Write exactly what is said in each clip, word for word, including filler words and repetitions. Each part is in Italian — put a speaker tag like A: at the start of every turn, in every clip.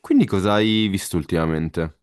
A: Quindi cosa hai visto ultimamente?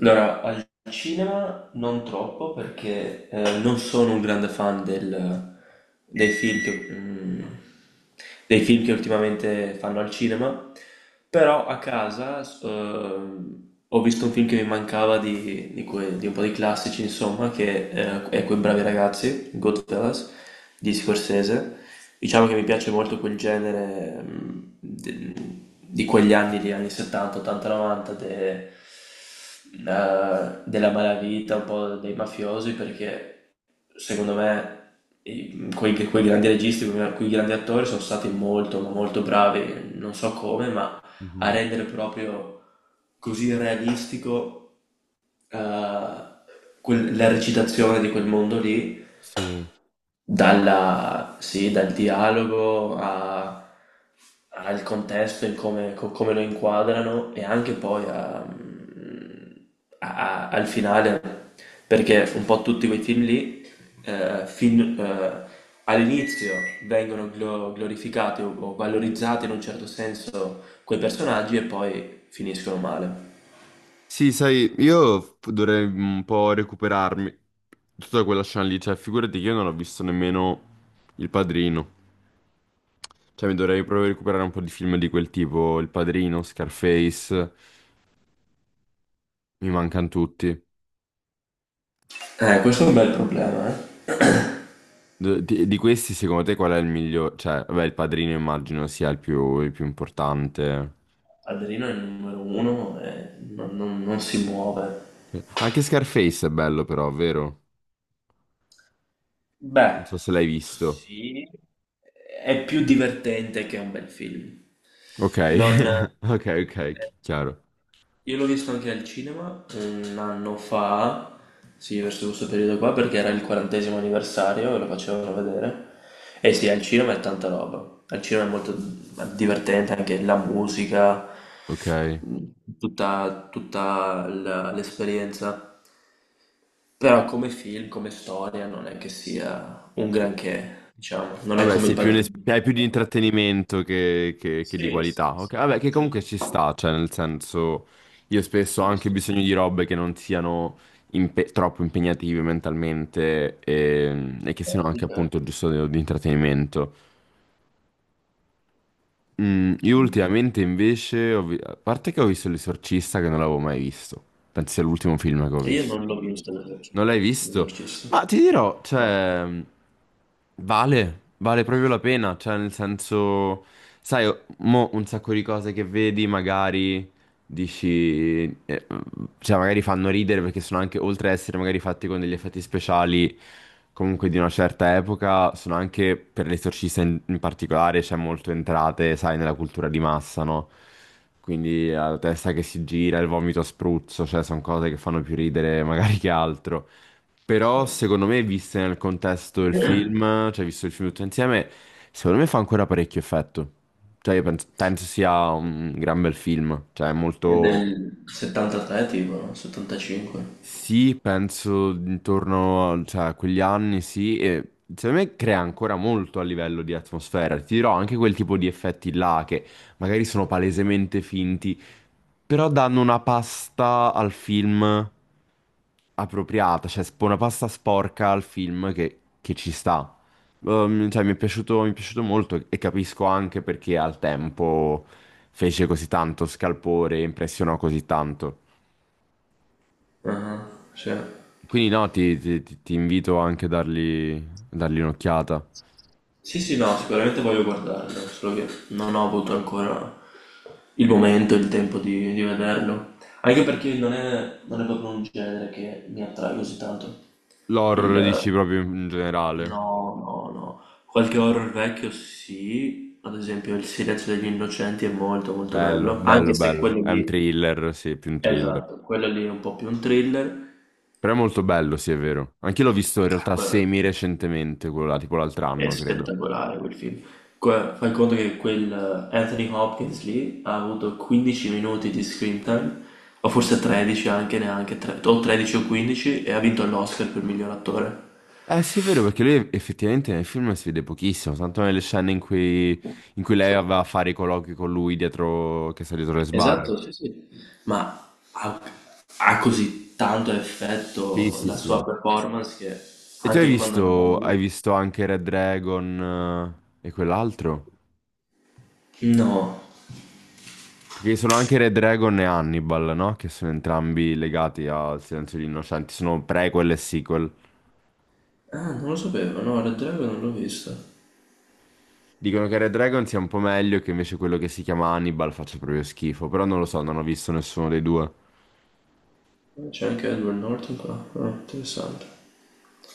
B: Allora, al cinema non troppo perché eh, non sono un grande fan del- dei film che, mm, dei film che ultimamente fanno al cinema, però a casa s- ehm, ho visto un film che mi mancava di, di que- di un po' di classici, insomma, che eh, è Quei bravi ragazzi, Goodfellas, di Scorsese. Diciamo che mi piace molto quel genere mm, de- di quegli anni, gli anni settanta, ottanta, novanta, de- eh, della malavita, un po' dei mafiosi, perché secondo me i- quei, quei grandi registi, quei, quei grandi attori sono stati molto, ma molto bravi, non so come, ma a
A: Mhm.
B: rendere proprio così realistico eh, quel- la recitazione di quel mondo lì
A: Sì.
B: dalla, sì, dal dialogo a- al contesto, in come, co- come lo inquadrano e anche poi a- a- a- al finale, perché un po' tutti quei film lì, eh, fin- eh, all'inizio vengono glo- glorificati o, o valorizzati in un certo senso quei personaggi e poi finiscono male.
A: Sì, sai, io f- dovrei un po' recuperarmi tutta quella scena lì, cioè figurati che io non ho visto nemmeno Il Padrino, cioè mi dovrei proprio recuperare un po' di film di quel tipo, Il Padrino, Scarface, mi mancano tutti.
B: Eh, questo è un bel problema, eh.
A: D- Di, di questi secondo te qual è il migliore? Cioè, vabbè, Il Padrino immagino sia il più, il più importante.
B: Adrino è il numero uno e non non- non si muove.
A: Anche Scarface è bello però, vero? Non
B: Beh,
A: so se l'hai visto.
B: sì, è più divertente che un bel film.
A: Ok,
B: Non...
A: ok, ok, chi-
B: eh,
A: chiaro.
B: Io l'ho visto anche al cinema un anno fa, sì, verso questo periodo qua, perché era il quarantesimo anniversario e lo facevano vedere. E sì, al cinema è tanta roba. Al cinema è molto divertente anche la musica,
A: Ok.
B: tutta, tutta la- l'esperienza. Però come film, come storia, non è che sia un granché, diciamo, non è
A: Vabbè,
B: come Il
A: sei più un es-
B: Padrino.
A: hai più di intrattenimento che, che- che di
B: Sì, sì,
A: qualità. Ok, vabbè, che
B: sì.
A: comunque ci sta, cioè, nel senso, io spesso ho
B: Sì, sì,
A: anche
B: sì.
A: bisogno di robe che non siano impe- troppo impegnative mentalmente e, e che siano
B: Certo,
A: anche appunto
B: certo.
A: giusto di, di intrattenimento. Mm, io ultimamente invece, ho vi- a parte che ho visto L'Esorcista che non l'avevo mai visto, penso sia l'ultimo film che ho
B: E io
A: visto.
B: non l'ho visto
A: Non
B: l'esorcista.
A: l'hai visto?
B: L'esorcista.
A: Ma ti dirò,
B: No.
A: cioè, vale, vale proprio la pena, cioè, nel senso, sai, mo un sacco di cose che vedi, magari dici, eh, cioè magari fanno ridere perché sono anche, oltre ad essere magari fatti con degli effetti speciali comunque di una certa epoca, sono anche per l'esorcista in, in particolare, c'è molto entrate, sai, nella cultura di massa, no? Quindi la testa che si gira, il vomito a spruzzo, cioè sono cose che fanno più ridere magari che altro. Però secondo me, viste nel contesto del film, cioè visto il film tutto insieme, secondo me fa ancora parecchio effetto. Cioè, io penso, penso sia un gran bel film, cioè
B: È
A: molto...
B: del settantatré tipo, no? settantacinque.
A: Sì, penso intorno a, cioè, a quegli anni, sì, e secondo me crea ancora molto a livello di atmosfera. Ti dirò anche quel tipo di effetti là che magari sono palesemente finti, però danno una pasta al film appropriata, cioè sp- una pasta sporca al film che, che ci sta. Um, cioè, mi è piaciuto, mi è piaciuto molto e capisco anche perché al tempo fece così tanto scalpore e impressionò così tanto.
B: Ah, sì.
A: Quindi no, ti, ti- ti- ti invito anche a dargli, a dargli un'occhiata.
B: Sì, sì, no, sicuramente voglio guardarlo, solo che non ho avuto ancora il momento, il tempo di, di vederlo, anche perché non è, non è proprio un genere che mi attrae così tanto. Il,
A: L'horror dici proprio in in generale.
B: no, no, no, qualche horror vecchio sì, ad esempio Il silenzio degli innocenti è molto molto
A: Bello,
B: bello,
A: bello,
B: anche se
A: bello.
B: quello
A: È un
B: lì,
A: thriller, sì, più un thriller.
B: esatto, quello lì è un po' più un thriller.
A: Però è molto bello, sì, è vero. Anche l'ho visto in realtà semi recentemente, quello là, tipo l'altro
B: È
A: anno, credo.
B: spettacolare quel film. Que- fai conto che quel eh, Anthony Hopkins lì ha avuto quindici minuti di screen time, o forse tredici anche, neanche tre- o tredici o quindici, e ha vinto l'Oscar per miglior attore.
A: Eh sì, è vero, perché lui effettivamente nel film si vede pochissimo, tanto nelle scene in cui, in cui lei aveva a fare i colloqui con lui dietro, che sta dietro le sbarre.
B: Esatto, sì, sì. Ma ha, ha così tanto
A: Sì,
B: effetto
A: sì,
B: la
A: sì.
B: sua performance che
A: E tu hai
B: anche quando non è
A: visto,
B: lì...
A: hai visto anche Red Dragon eh, e quell'altro?
B: No.
A: Perché sono anche Red Dragon e Hannibal, no? Che sono entrambi legati al Silenzio degli Innocenti, sono prequel e sequel.
B: Ah, non lo sapevo, no, Red Dragon non l'ho visto.
A: Dicono che Red Dragon sia un po' meglio e che invece quello che si chiama Hannibal faccia proprio schifo, però non lo so, non ho visto nessuno dei due.
B: C'è anche Edward Norton qua. Ah, interessante.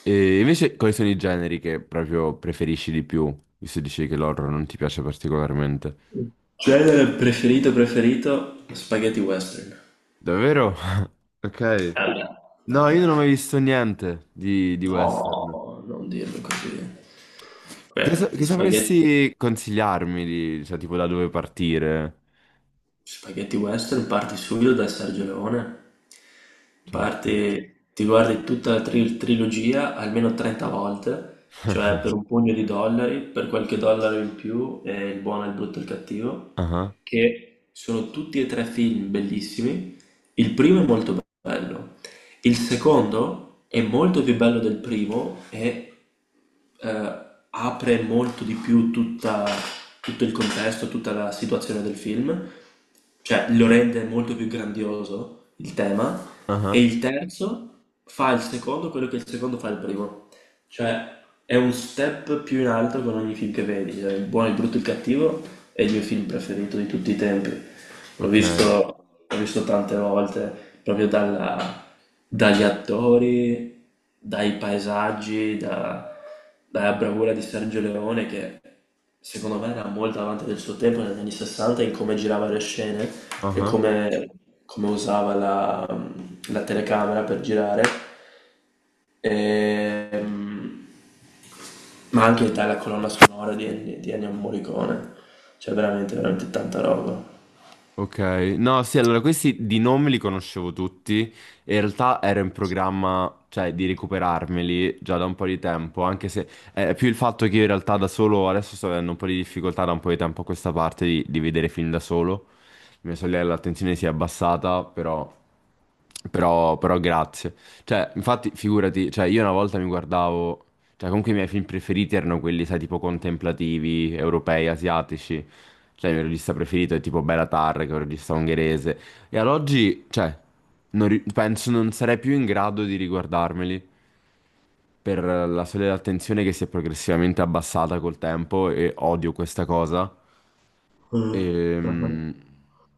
A: E invece quali sono i generi che proprio preferisci di più, visto dicevi che l'horror non ti piace particolarmente?
B: Genere preferito preferito? Spaghetti western.
A: Davvero? Ok.
B: Vabbè,
A: No, io non ho
B: vabbè.
A: mai visto niente di, di western.
B: No, non dirlo così.
A: Che, sa-
B: Beh, gli
A: che
B: spaghetti,
A: sapresti consigliarmi di, cioè, tipo da dove partire?
B: spaghetti western parti subito da Sergio Leone.
A: Certo.
B: Parti, ti guardi tutta la tri- trilogia almeno trenta volte, cioè per un pugno di dollari, per qualche dollaro in più, e il buono, il brutto e il cattivo,
A: Ah,
B: che sono tutti e tre film bellissimi. Il primo è molto bello. Il secondo è molto più bello del primo e eh, apre molto di più tutta- tutto il contesto, tutta la situazione del film, cioè lo rende molto più grandioso il tema. E
A: ah,
B: il terzo fa il secondo quello che il secondo fa il primo. Cioè, è un step più in alto con ogni film che vedi, cioè, Il buono, il brutto e il cattivo è il mio film preferito di tutti i tempi. L'ho
A: ok.
B: visto, l'ho visto tante volte, proprio dalla- dagli attori, dai paesaggi, da- dalla bravura di Sergio Leone che secondo me era molto avanti del suo tempo negli anni sessanta in come girava le scene e
A: Ah.
B: come, come usava la la telecamera per girare. Ehm, ma anche dalla colonna sonora di Ennio di Ennio Morricone, cioè veramente, veramente tanta roba.
A: Ok, no, sì, allora questi di nome li conoscevo tutti. E in realtà ero in programma, cioè, di recuperarmeli già da un po' di tempo, anche se è più il fatto che io in realtà da solo adesso sto avendo un po' di difficoltà da un po' di tempo a questa parte di, di vedere film da solo. Mia sorella l'attenzione si è abbassata, però, però, però grazie. Cioè, infatti, figurati, cioè, io una volta mi guardavo, cioè, comunque i miei film preferiti erano quelli, sai, tipo contemplativi, europei, asiatici. Cioè, il mio regista preferito è tipo Belatar, che è un regista ungherese. E ad oggi, cioè, non ri- penso non sarei più in grado di riguardarmeli per la sola attenzione che si è progressivamente abbassata col tempo e odio questa cosa.
B: Mm, mhm.
A: Ehm,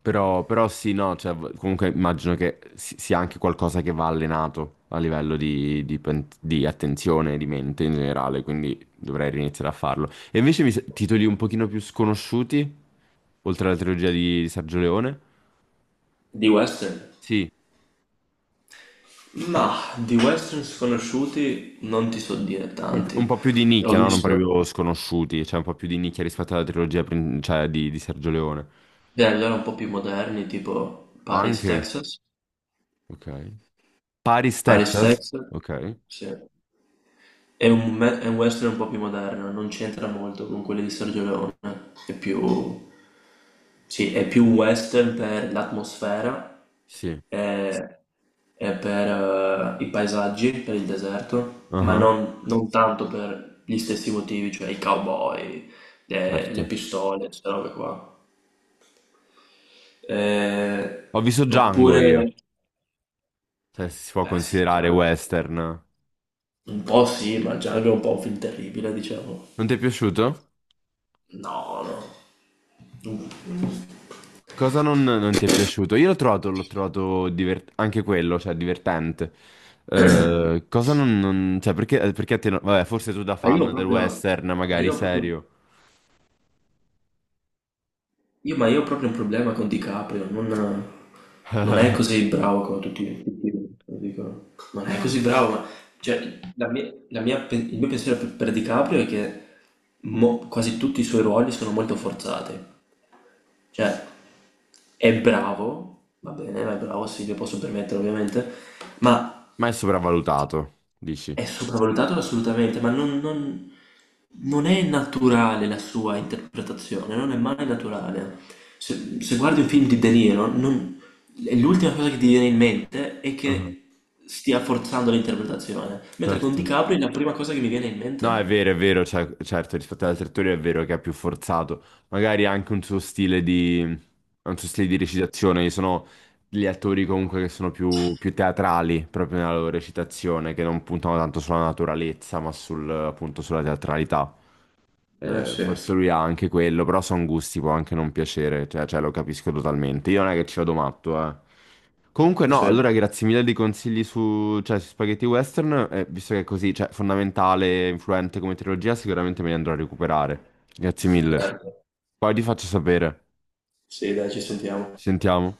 A: Però, però sì, no, cioè, v- comunque immagino che si- sia anche qualcosa che va allenato a livello di, di pen- di attenzione, di mente in generale, quindi dovrei riniziare a farlo. E invece mi, sa- titoli un pochino più sconosciuti, oltre alla trilogia di, di Sergio Leone?
B: Di western?
A: Sì,
B: Ma di western sconosciuti non ti so dire
A: un po' più
B: tanti.
A: un po' più di
B: Ho
A: nicchia, no? Non
B: visto
A: proprio sconosciuti, cioè un po' più di nicchia rispetto alla trilogia prin- cioè, di, di Sergio Leone.
B: beh, allora un po' più moderni, tipo Paris,
A: Anche,
B: Texas.
A: ok. Paris,
B: Paris,
A: Texas?
B: Texas,
A: Ok,
B: sì. È un, me- è un western un po' più moderno, non c'entra molto con quelli di Sergio Leone, è più... Sì, è più western per l'atmosfera.
A: sì,
B: Sì. E, e per eh, i paesaggi, per il deserto, ma
A: ah,
B: non, non tanto per gli stessi motivi, cioè i cowboy, le,
A: certo.
B: le pistole, queste robe qua. Eh,
A: Ho visto Django io,
B: oppure,
A: se si può
B: beh sì,
A: considerare
B: Django.
A: western.
B: Un po' sì, ma Django è un po' un film terribile, diciamo.
A: Non ti è piaciuto?
B: No, no. Mm.
A: Cosa non, non ti è piaciuto? Io l'ho trovato, l'ho trovato divert- anche quello, cioè divertente. Eh, cosa non, non- Cioè, perché, eh, perché a te non- Vabbè, forse tu da
B: Ma io
A: fan del
B: proprio,
A: western,
B: ma
A: magari
B: io proprio...
A: serio.
B: Io, ma io ho proprio un problema con DiCaprio, non, non è così bravo come tutti, tutti lo dicono. Non è così bravo, ma cioè, la mia- la mia pe- il mio pensiero per, per DiCaprio è che mo- quasi tutti i suoi ruoli sono molto forzati. Cioè, è bravo, va bene, è bravo, sì, lo posso permettere ovviamente, ma
A: Ma è sopravvalutato, dici?
B: è sopravvalutato assolutamente, ma non, non- non è naturale la sua interpretazione, non è mai naturale. Se, se guardi un film di De Niro, non- l'ultima cosa che ti viene in mente è
A: Ah,
B: che stia forzando l'interpretazione, mentre con
A: certo.
B: DiCaprio è la prima cosa che mi viene in
A: No, è
B: mente.
A: vero, è vero, cioè, certo, rispetto ad altri attori è vero che è più forzato. Magari anche un suo stile di, un suo stile di recitazione. Ci sono gli attori comunque che sono più, più teatrali proprio nella loro recitazione, che non puntano tanto sulla naturalezza, ma sul, appunto sulla teatralità.
B: Eh
A: Eh,
B: sì,
A: forse lui ha anche quello, però sono gusti, può anche non piacere, cioè, cioè, lo capisco totalmente. Io non è che ci vado matto, eh. Comunque no,
B: sì,
A: allora grazie mille dei consigli su, cioè, su spaghetti western, eh, visto che è così, cioè, fondamentale, influente come trilogia, sicuramente me li andrò a recuperare. Grazie mille.
B: certo.
A: Poi ti faccio sapere.
B: Sì, dai, ci sentiamo.
A: Ci sentiamo.